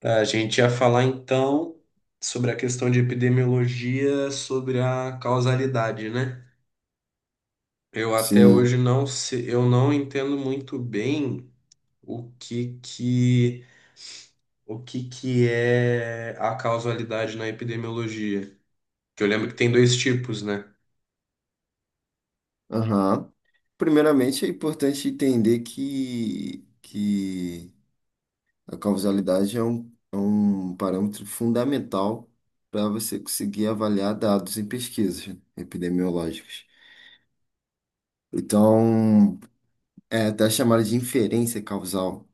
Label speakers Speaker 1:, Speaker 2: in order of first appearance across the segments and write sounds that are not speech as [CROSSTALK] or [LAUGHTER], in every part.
Speaker 1: Tá, a gente ia falar então sobre a questão de epidemiologia, sobre a causalidade, né? Eu até hoje
Speaker 2: Sim.
Speaker 1: não sei, eu não entendo muito bem o que que o que que é a causalidade na epidemiologia. Que eu lembro que tem dois tipos, né?
Speaker 2: Aham. Primeiramente, é importante entender que a causalidade é é um parâmetro fundamental para você conseguir avaliar dados em pesquisas epidemiológicas. Então, é até chamada de inferência causal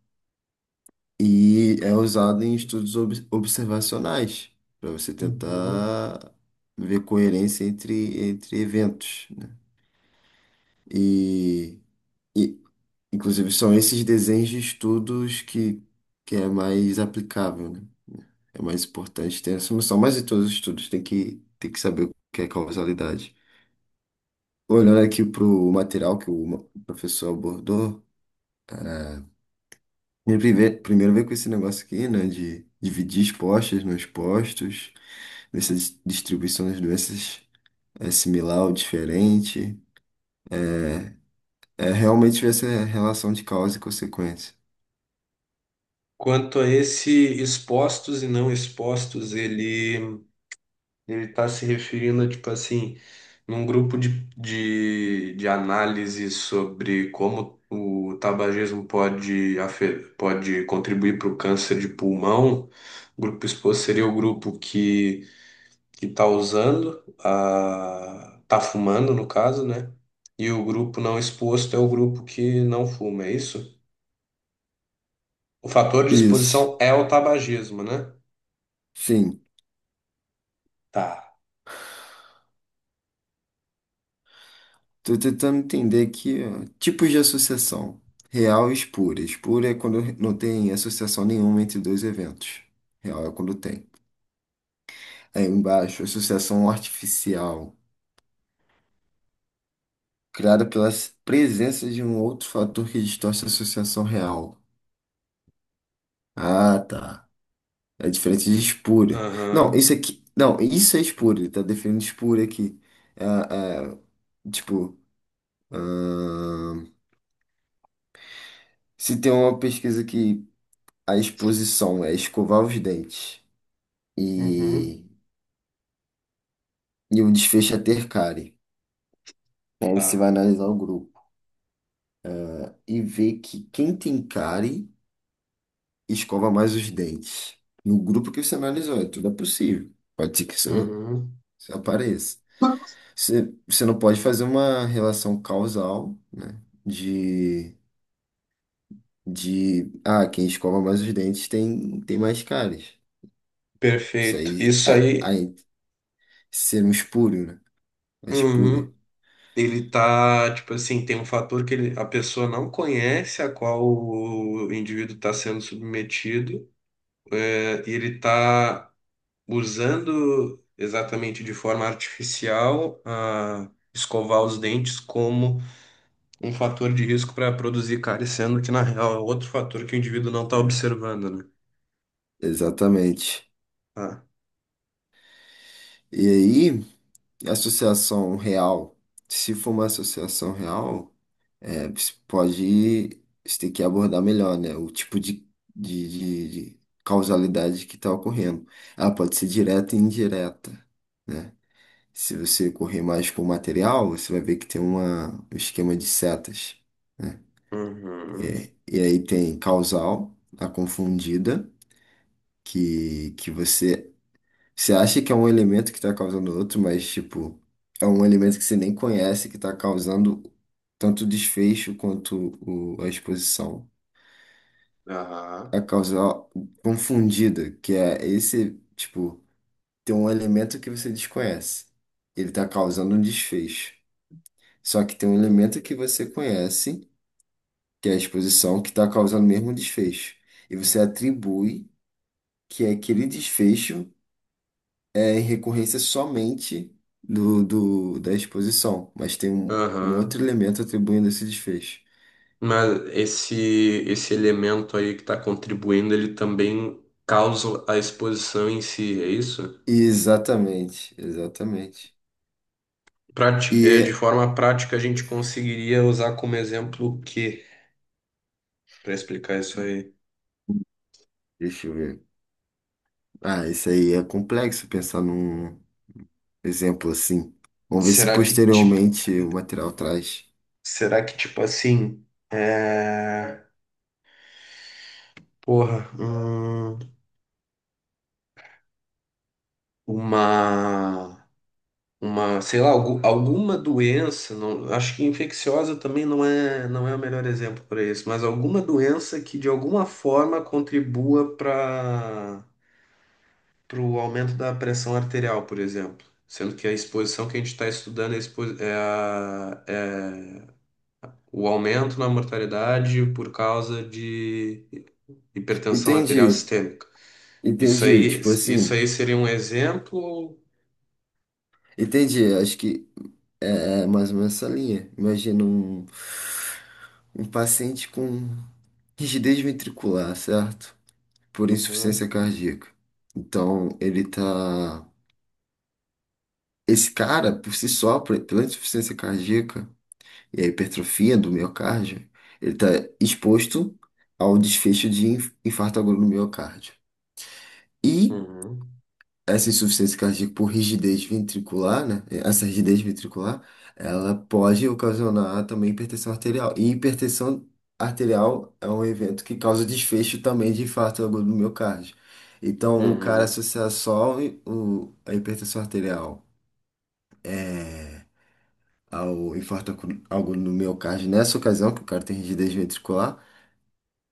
Speaker 2: e é usado em estudos observacionais para você
Speaker 1: Uhum.
Speaker 2: tentar ver coerência entre eventos, né? E. e Inclusive, são esses desenhos de estudos que é mais aplicável, né? É mais importante ter essa noção. Mas em todos os estudos tem tem que saber o que é causalidade. Olhando aqui para o material que o o professor abordou, cara, ele primeiro veio com esse negócio aqui, né? De dividir expostas nos postos, ver se a distribuição das doenças é similar ou diferente. É, é realmente ver essa relação de causa e consequência.
Speaker 1: Quanto a esse expostos e não expostos, ele está se referindo, tipo assim, num grupo de análise sobre como o tabagismo pode, pode contribuir para o câncer de pulmão. O grupo exposto seria o grupo que está usando, a, tá fumando, no caso, né? E o grupo não exposto é o grupo que não fuma, é isso? O fator de
Speaker 2: Isso,
Speaker 1: exposição é o tabagismo, né?
Speaker 2: sim.
Speaker 1: Tá.
Speaker 2: Tô tentando entender aqui, ó, tipos de associação. Real e espúria. Espúria é quando não tem associação nenhuma entre dois eventos. Real é quando tem. Aí embaixo, associação artificial, criada pela presença de um outro fator que distorce a associação real. Ah, tá. É diferente de espúria. Não,
Speaker 1: Aham.
Speaker 2: isso aqui. Não, isso é espúria. Ele tá definindo espúria aqui. É, é, tipo, ahn, se tem uma pesquisa que a exposição é escovar os dentes.
Speaker 1: Uhum.
Speaker 2: e, e o desfecho é ter cárie. Aí você
Speaker 1: Tá.
Speaker 2: vai analisar o grupo e ver que quem tem cárie escova mais os dentes. No grupo que você analisou, é tudo é possível. Pode ser que isso,
Speaker 1: Uhum.
Speaker 2: isso apareça. Você não pode fazer uma relação causal, né? De, de quem escova mais os dentes tem mais cáries. Isso
Speaker 1: Perfeito.
Speaker 2: aí,
Speaker 1: Isso aí,
Speaker 2: aí ser um espúrio, né? Uma
Speaker 1: uhum,
Speaker 2: espúria.
Speaker 1: ele tá, tipo assim, tem um fator que a pessoa não conhece a qual o indivíduo está sendo submetido, é, e ele tá usando exatamente de forma artificial a escovar os dentes como um fator de risco para produzir cárie, sendo que, na real, é outro fator que o indivíduo não está observando, né?
Speaker 2: Exatamente.
Speaker 1: Ah.
Speaker 2: E aí. Associação real, se for uma associação real, é, você pode, você tem que abordar melhor, né? O tipo de causalidade que está ocorrendo. Ela pode ser direta e indireta, né? Se você correr mais com o material, você vai ver que tem um esquema de setas, né?
Speaker 1: Uhum.
Speaker 2: É, e aí tem causal, a confundida, que você acha que é um elemento que tá causando outro, mas, tipo, é um elemento que você nem conhece que tá causando tanto o desfecho quanto a exposição. A
Speaker 1: Aham.
Speaker 2: causa confundida, que é esse, tipo, tem um elemento que você desconhece. Ele tá causando um desfecho. Só que tem um elemento que você conhece, que é a exposição, que tá causando o mesmo desfecho. E você atribui que é aquele desfecho é em recorrência somente da exposição, mas tem um outro
Speaker 1: Aham.
Speaker 2: elemento atribuindo esse desfecho.
Speaker 1: Mas esse elemento aí que está contribuindo, ele também causa a exposição em si, é isso?
Speaker 2: Exatamente, exatamente. E
Speaker 1: De
Speaker 2: é-
Speaker 1: forma prática, a gente conseguiria usar como exemplo o quê para explicar isso aí?
Speaker 2: Deixa eu ver. Ah, isso aí é complexo pensar num exemplo assim. Vamos ver se
Speaker 1: Será que tipo,
Speaker 2: posteriormente o material traz.
Speaker 1: Será que tipo assim, é... porra, uma uma sei lá, alguma doença, não, acho que infecciosa também não é, não é o melhor exemplo para isso, mas alguma doença que de alguma forma contribua para o aumento da pressão arterial, por exemplo. Sendo que a exposição que a gente está estudando é, a expo- é a- é o aumento na mortalidade por causa de hipertensão arterial
Speaker 2: Entendi,
Speaker 1: sistêmica.
Speaker 2: entendi. Tipo
Speaker 1: Isso
Speaker 2: assim,
Speaker 1: aí seria um exemplo.
Speaker 2: entendi. Acho que é, é mais ou menos essa linha. Imagina um paciente com rigidez ventricular, certo? Por
Speaker 1: Uhum,
Speaker 2: insuficiência cardíaca. Então, ele tá. Esse cara, por si só, pela insuficiência cardíaca e a hipertrofia do miocárdio, ele tá exposto a um desfecho de infarto agudo no miocárdio. E
Speaker 1: uhum,
Speaker 2: essa insuficiência cardíaca por rigidez ventricular, né? Essa rigidez ventricular, ela pode ocasionar também hipertensão arterial. E hipertensão arterial é um evento que causa desfecho também de infarto agudo do miocárdio. Então, o cara
Speaker 1: uhum.
Speaker 2: associar só a hipertensão arterial é, ao infarto agudo do miocárdio nessa ocasião, que o cara tem rigidez ventricular,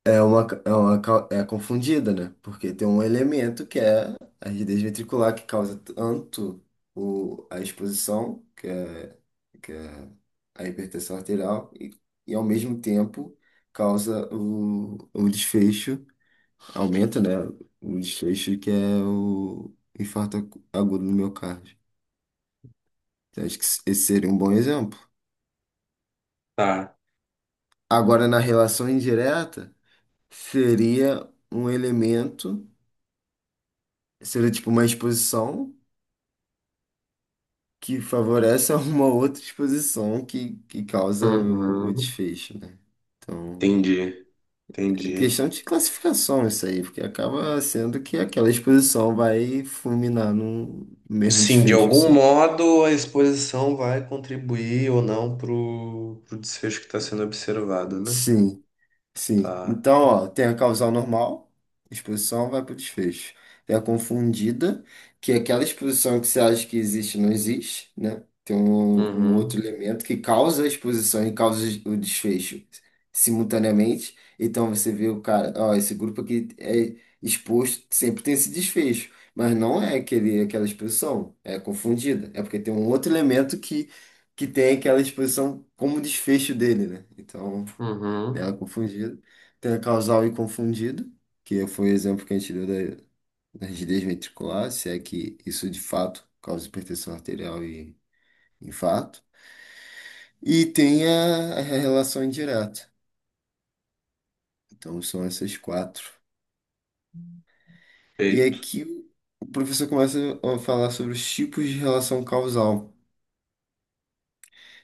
Speaker 2: é uma, é uma é confundida, né? Porque tem um elemento que é a rigidez ventricular que causa tanto a exposição, que é a hipertensão arterial, e ao mesmo tempo causa o desfecho, aumenta, né? O desfecho que é o infarto agudo no miocárdio. Então, acho que esse seria um bom exemplo.
Speaker 1: Tá.
Speaker 2: Agora, na relação indireta, seria um elemento, seria tipo uma exposição que favorece a uma outra exposição que causa o
Speaker 1: Uhum.
Speaker 2: desfecho, né? Então,
Speaker 1: Entendi,
Speaker 2: é
Speaker 1: Entendi.
Speaker 2: questão de classificação isso aí, porque acaba sendo que aquela exposição vai fulminar no mesmo
Speaker 1: Sim, de
Speaker 2: desfecho,
Speaker 1: algum
Speaker 2: assim.
Speaker 1: modo a exposição vai contribuir ou não pro, pro desfecho que está sendo observado, né?
Speaker 2: Sim. Sim.
Speaker 1: Tá.
Speaker 2: Então, ó, tem a causal normal, exposição vai para o desfecho. Tem a confundida, que é aquela exposição que você acha que existe e não existe, né? Tem um outro
Speaker 1: Uhum,
Speaker 2: elemento que causa a exposição e causa o desfecho simultaneamente. Então você vê o cara, ó, esse grupo aqui é exposto, sempre tem esse desfecho, mas não é aquele, aquela exposição, é confundida. É porque tem um outro elemento que tem aquela exposição como desfecho dele, né? Então.
Speaker 1: uhum.
Speaker 2: Ela confundida. Tem a causal e confundido, que foi o exemplo que a gente deu da rigidez ventricular, se é que isso de fato causa hipertensão arterial e infarto. E tem a relação indireta. Então são essas quatro. E
Speaker 1: Feito.
Speaker 2: aqui o professor começa a falar sobre os tipos de relação causal.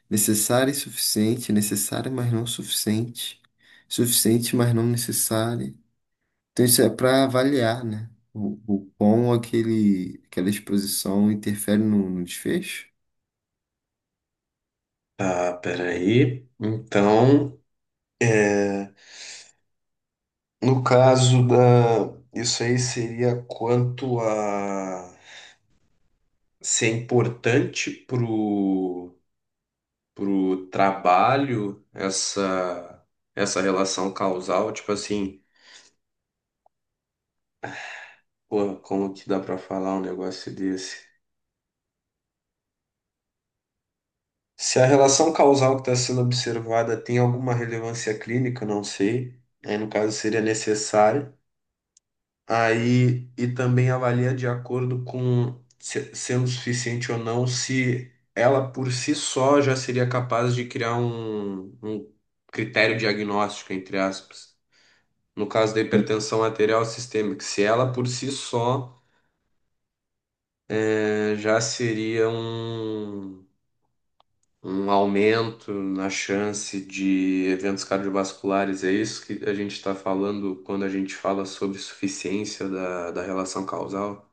Speaker 2: Necessária e suficiente, necessária, mas não suficiente. Suficiente, mas não necessária. Então, isso é para avaliar, né? O quão aquele, aquela exposição interfere no desfecho.
Speaker 1: Tá, peraí. Então, é, no caso da. Isso aí seria quanto a ser importante pro, pro trabalho essa relação causal, tipo assim. Porra, como que dá pra falar um negócio desse? Se a relação causal que está sendo observada tem alguma relevância clínica, não sei. Aí, no caso, seria necessário. Aí, e também avalia de acordo com sendo suficiente ou não, se ela por si só já seria capaz de criar um critério diagnóstico, entre aspas. No caso da hipertensão arterial sistêmica, se ela por si só já seria um aumento na chance de eventos cardiovasculares. É isso que a gente está falando quando a gente fala sobre suficiência da, da relação causal?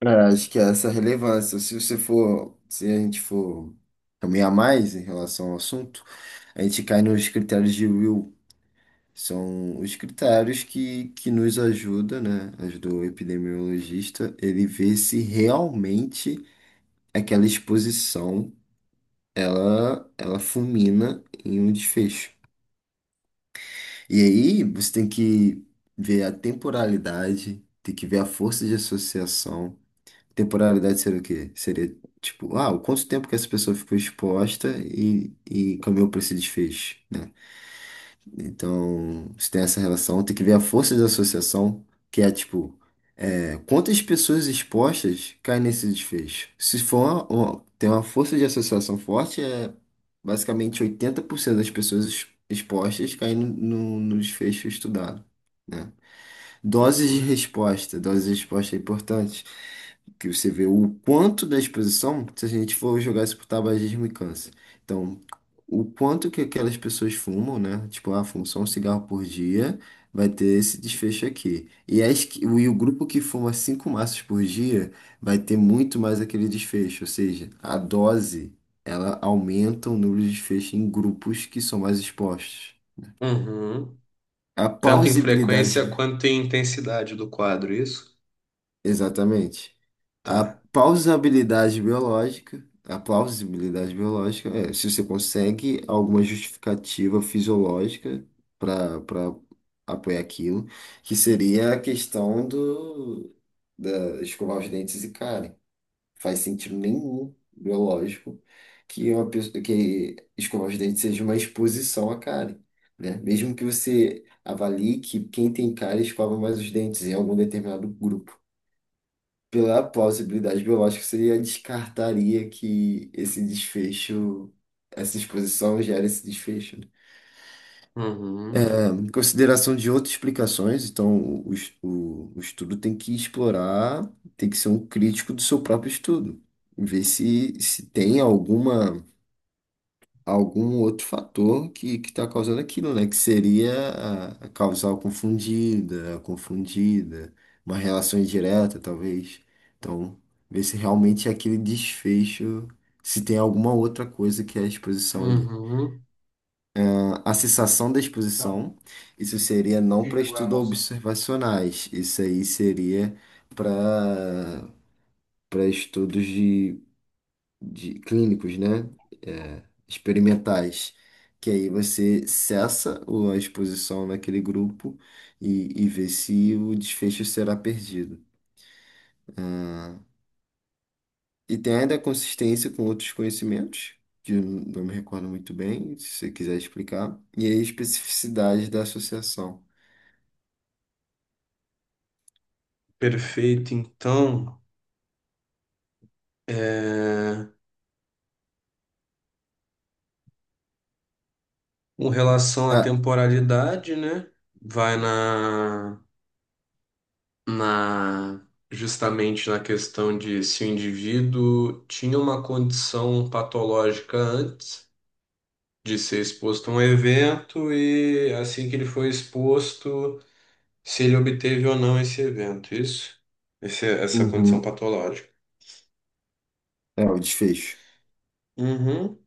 Speaker 2: É, acho que é essa relevância, se você for, se a gente for caminhar mais em relação ao assunto, a gente cai nos critérios de Will. São os critérios que nos ajuda, né? Ajudou o epidemiologista, ele vê se realmente aquela exposição ela fulmina em um desfecho. E aí você tem que ver a temporalidade, tem que ver a força de associação. Temporalidade seria o quê? Seria tipo, ah, o quanto tempo que essa pessoa ficou exposta e caminhou para esse desfecho, né? Então, se tem essa relação, tem que ver a força de associação, que é tipo, quantas pessoas expostas caem nesse desfecho? Se for tem uma força de associação forte, é basicamente 80% das pessoas expostas caem no desfecho estudado, né? Doses de
Speaker 1: Uhum.
Speaker 2: resposta. Doses de resposta é importante. Que você vê o quanto da exposição, se a gente for jogar isso pro tabagismo e câncer. Então, o quanto que aquelas pessoas fumam, né? Tipo, ah, fumo só um cigarro por dia, vai ter esse desfecho aqui. E o grupo que fuma cinco maços por dia vai ter muito mais aquele desfecho. Ou seja, a dose, ela aumenta o número de desfecho em grupos que são mais expostos.
Speaker 1: Uhum.
Speaker 2: A
Speaker 1: Tanto em frequência
Speaker 2: plausibilidade.
Speaker 1: quanto em intensidade do quadro, isso?
Speaker 2: Exatamente. A
Speaker 1: Tá.
Speaker 2: a plausibilidade biológica é se você consegue alguma justificativa fisiológica para apoiar aquilo, que seria a questão do da escovar os dentes e cárie. Faz sentido nenhum biológico que uma pessoa que escovar os dentes seja uma exposição à cárie, né? Mesmo que você avalie que quem tem cárie escova mais os dentes em algum determinado grupo. Pela possibilidade biológica, você descartaria que esse desfecho, essa exposição gera esse desfecho. Né?
Speaker 1: Uhum.
Speaker 2: É, em consideração de outras explicações, então o estudo tem que explorar, tem que ser um crítico do seu próprio estudo, ver se tem alguma, algum outro fator que está causando aquilo, né? Que seria a causal confundida, a confundida, uma relação indireta, talvez. Então, ver se realmente aquele desfecho, se tem alguma outra coisa que é a exposição ali.
Speaker 1: Uhum.
Speaker 2: A cessação da exposição, isso seria não para estudos observacionais, isso aí seria para para estudos de clínicos, né? É, experimentais, que aí você cessa a exposição naquele grupo e vê se o desfecho será perdido. Tá? E tem ainda a consistência com outros conhecimentos, que eu não me recordo muito bem, se você quiser explicar, e a especificidade da associação.
Speaker 1: Perfeito. Então, é... com relação à
Speaker 2: Ah,
Speaker 1: temporalidade, né? Vai na justamente na questão de se o indivíduo tinha uma condição patológica antes de ser exposto a um evento e assim que ele foi exposto, se ele obteve ou não esse evento, isso? Essa condição
Speaker 2: uhum,
Speaker 1: patológica.
Speaker 2: é o desfecho.
Speaker 1: Uhum.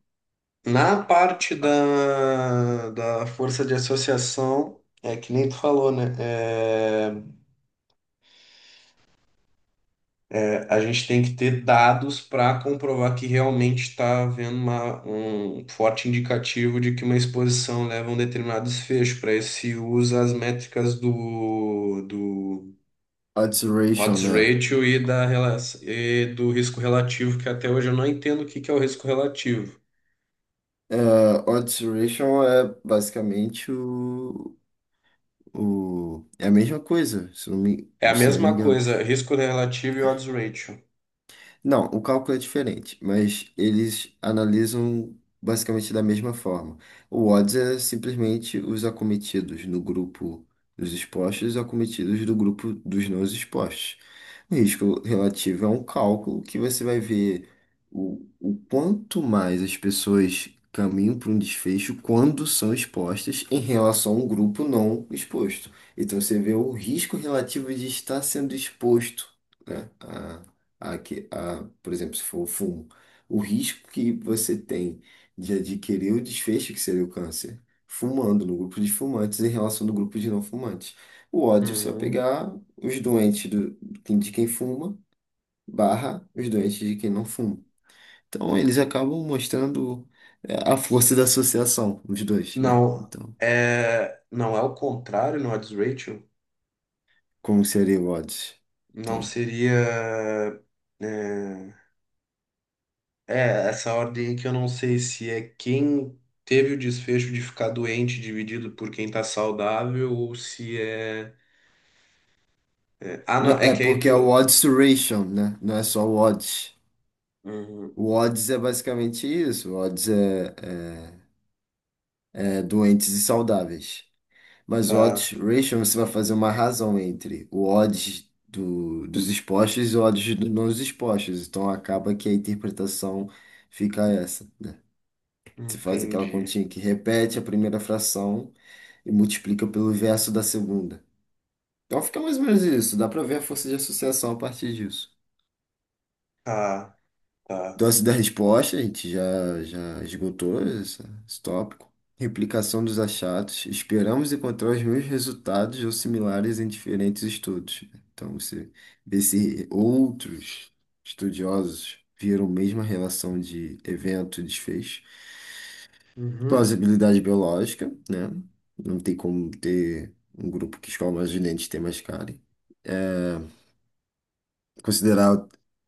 Speaker 1: Na parte da, da força de associação, é que nem tu falou, né? É, a gente tem que ter dados para comprovar que realmente está havendo um forte indicativo de que uma exposição leva a um determinado desfecho. Para isso se usa as métricas do, do
Speaker 2: Odds ratio,
Speaker 1: odds
Speaker 2: né?
Speaker 1: ratio e, da, e do risco relativo, que até hoje eu não entendo o que que é o risco relativo.
Speaker 2: É, odds ratio é basicamente o... O... É a mesma coisa,
Speaker 1: É a
Speaker 2: se não me
Speaker 1: mesma
Speaker 2: engano.
Speaker 1: coisa, risco relativo e odds ratio.
Speaker 2: Não, o cálculo é diferente, mas eles analisam basicamente da mesma forma. O odds é simplesmente os acometidos no grupo dos expostos e os acometidos do grupo dos não expostos. O risco relativo é um cálculo que você vai ver o quanto mais as pessoas caminham para um desfecho quando são expostas em relação a um grupo não exposto. Então você vê o risco relativo de estar sendo exposto, né? Por exemplo, se for o fumo, o risco que você tem de adquirir o desfecho que seria o câncer, fumando no grupo de fumantes em relação do grupo de não fumantes. O ódio você vai
Speaker 1: Uhum.
Speaker 2: pegar os doentes de quem fuma, barra os doentes de quem não fuma. Então eles acabam mostrando é, a força da associação, os dois, né?
Speaker 1: Não,
Speaker 2: Então,
Speaker 1: é, não é o contrário no odds ratio?
Speaker 2: como seria o odds?
Speaker 1: Não
Speaker 2: Então,
Speaker 1: seria. é, É, essa ordem que eu não sei se é quem teve o desfecho de ficar doente dividido por quem tá saudável ou se é. Ah, não, é
Speaker 2: é
Speaker 1: que aí
Speaker 2: porque é o
Speaker 1: tu.
Speaker 2: odds ratio, né? Não é só o odds.
Speaker 1: Uhum,
Speaker 2: O odds é basicamente isso. O odds é, é, é doentes e saudáveis. Mas o
Speaker 1: tá,
Speaker 2: odds ratio você vai fazer uma razão entre o odds dos expostos e o odds dos não expostos. Então acaba que a interpretação fica essa, né? Você faz aquela
Speaker 1: entendi.
Speaker 2: continha que repete a primeira fração e multiplica pelo verso da segunda. Então fica mais ou menos isso. Dá para ver a força de associação a partir disso.
Speaker 1: Tá, tá.
Speaker 2: Dose da resposta, a gente já esgotou esse tópico. Replicação dos achados. Esperamos encontrar os mesmos resultados ou similares em diferentes estudos. Então, você vê se outros estudiosos viram a mesma relação de evento e desfecho.
Speaker 1: Uhum,
Speaker 2: Plausibilidade biológica, né? Não tem como ter um grupo que escolhe mais gente tem mais cara considerar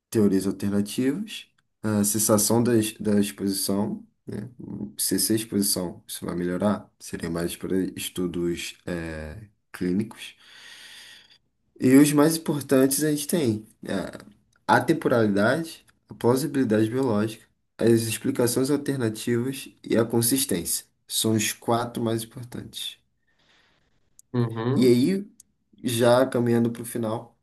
Speaker 2: teorias alternativas, a cessação da exposição, né? Cessar a exposição, isso vai melhorar, seria mais para estudos clínicos. E os mais importantes a gente tem a atemporalidade, a plausibilidade biológica, as explicações alternativas e a consistência. São os quatro mais importantes. E
Speaker 1: uhum,
Speaker 2: aí, já caminhando para o final.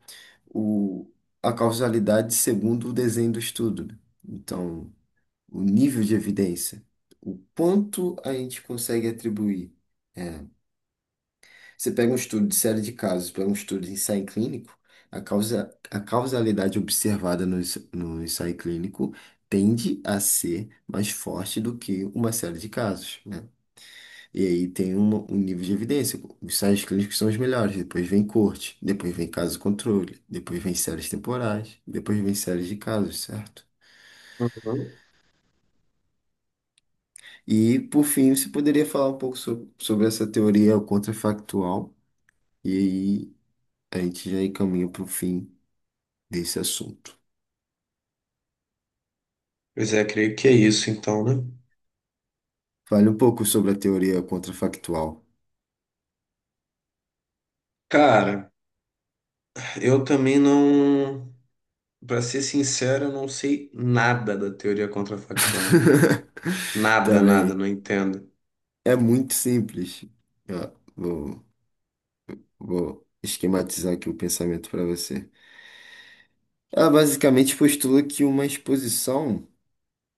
Speaker 2: o, a causalidade segundo o desenho do estudo, né? Então, o nível de evidência, o quanto a gente consegue atribuir. É, Você pega um estudo de série de casos, pega um estudo de ensaio clínico, a causa, a causalidade observada no ensaio clínico tende a ser mais forte do que uma série de casos, né? E aí tem um nível de evidência. Os ensaios clínicos são os melhores. Depois vem corte, depois vem caso controle, depois vem séries temporais, depois vem séries de casos, certo?
Speaker 1: uhum.
Speaker 2: E por fim, você poderia falar um pouco sobre essa teoria contrafactual, e aí a gente já encaminha para o fim desse assunto.
Speaker 1: Pois é, creio que é isso então, né?
Speaker 2: Fale um pouco sobre a teoria contrafactual.
Speaker 1: Cara, eu também não. Pra ser sincero, eu não sei nada da teoria contrafactual.
Speaker 2: [LAUGHS]
Speaker 1: Nada, nada,
Speaker 2: Também
Speaker 1: não entendo.
Speaker 2: é muito simples. Ó, vou esquematizar aqui o pensamento para você. Ela basicamente postula que uma exposição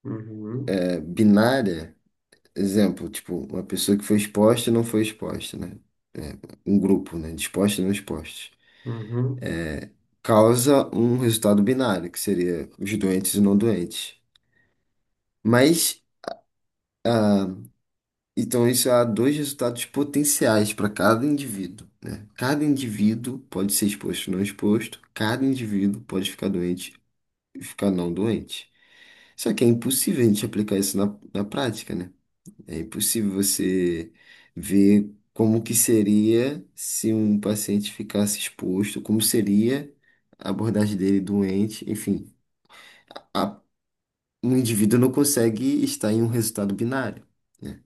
Speaker 1: Uhum,
Speaker 2: binária, exemplo, tipo, uma pessoa que foi exposta e não foi exposta, né? É, um grupo, né? De expostos e não expostos.
Speaker 1: uhum.
Speaker 2: Causa um resultado binário, que seria os doentes e não doentes. Mas, então, isso há dois resultados potenciais para cada indivíduo, né? Cada indivíduo pode ser exposto ou não exposto, cada indivíduo pode ficar doente e ficar não doente. Só que é impossível a gente aplicar isso na prática, né? É impossível você ver como que seria se um paciente ficasse exposto, como seria a abordagem dele doente, enfim. A- Um indivíduo não consegue estar em um resultado binário, né?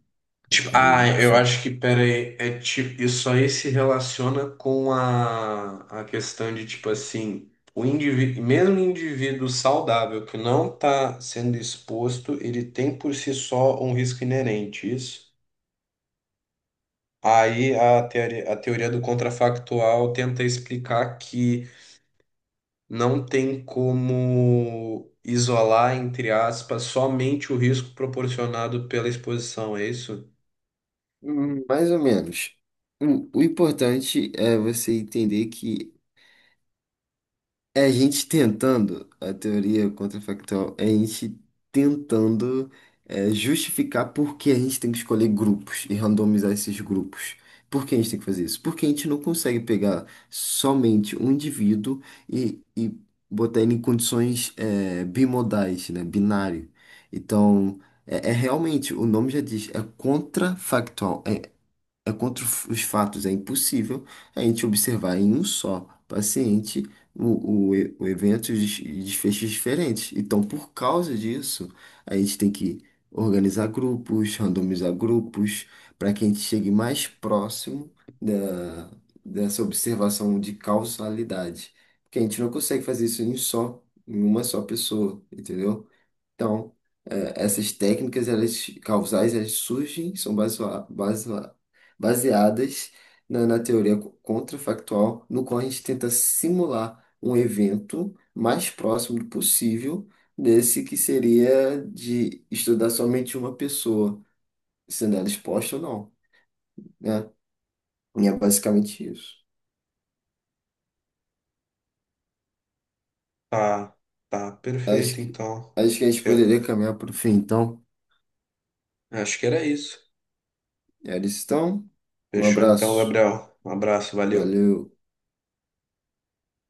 Speaker 1: Tipo,
Speaker 2: É
Speaker 1: ah,
Speaker 2: um
Speaker 1: eu
Speaker 2: só.
Speaker 1: acho que, pera aí, é tipo, isso aí se relaciona com a questão de, tipo assim, o indivíduo, mesmo o indivíduo saudável que não está sendo exposto, ele tem por si só um risco inerente, isso? Aí a teoria do contrafactual tenta explicar que não tem como isolar, entre aspas, somente o risco proporcionado pela exposição, é isso?
Speaker 2: Mais ou menos. O importante é você entender que é a gente tentando, a teoria contrafactual, é a gente tentando justificar por que a gente tem que escolher grupos e randomizar esses grupos. Por que a gente tem que fazer isso? Porque a gente não consegue pegar somente um indivíduo e botar ele em condições bimodais, né? Binário. Então, é realmente, o nome já diz, é contrafactual. É contra os fatos, é impossível a gente observar em um só paciente o evento e desfechos diferentes. Então, por causa disso, a gente tem que organizar grupos, randomizar grupos, para que a gente chegue mais próximo da, dessa observação de causalidade. Porque a gente não consegue fazer isso em uma só pessoa, entendeu? Então, essas técnicas elas, causais elas surgem, são baseadas na contrafactual, no qual a gente tenta simular um evento mais próximo do possível desse que seria de estudar somente uma pessoa, sendo ela exposta ou não, né? E é basicamente isso.
Speaker 1: Tá, tá,
Speaker 2: Acho
Speaker 1: perfeito,
Speaker 2: que,
Speaker 1: então.
Speaker 2: acho que a gente
Speaker 1: Eu
Speaker 2: poderia caminhar para o fim, então.
Speaker 1: acho que era isso.
Speaker 2: Eles estão. Um
Speaker 1: Fechou então,
Speaker 2: abraço.
Speaker 1: Gabriel. Um abraço, valeu.
Speaker 2: Valeu.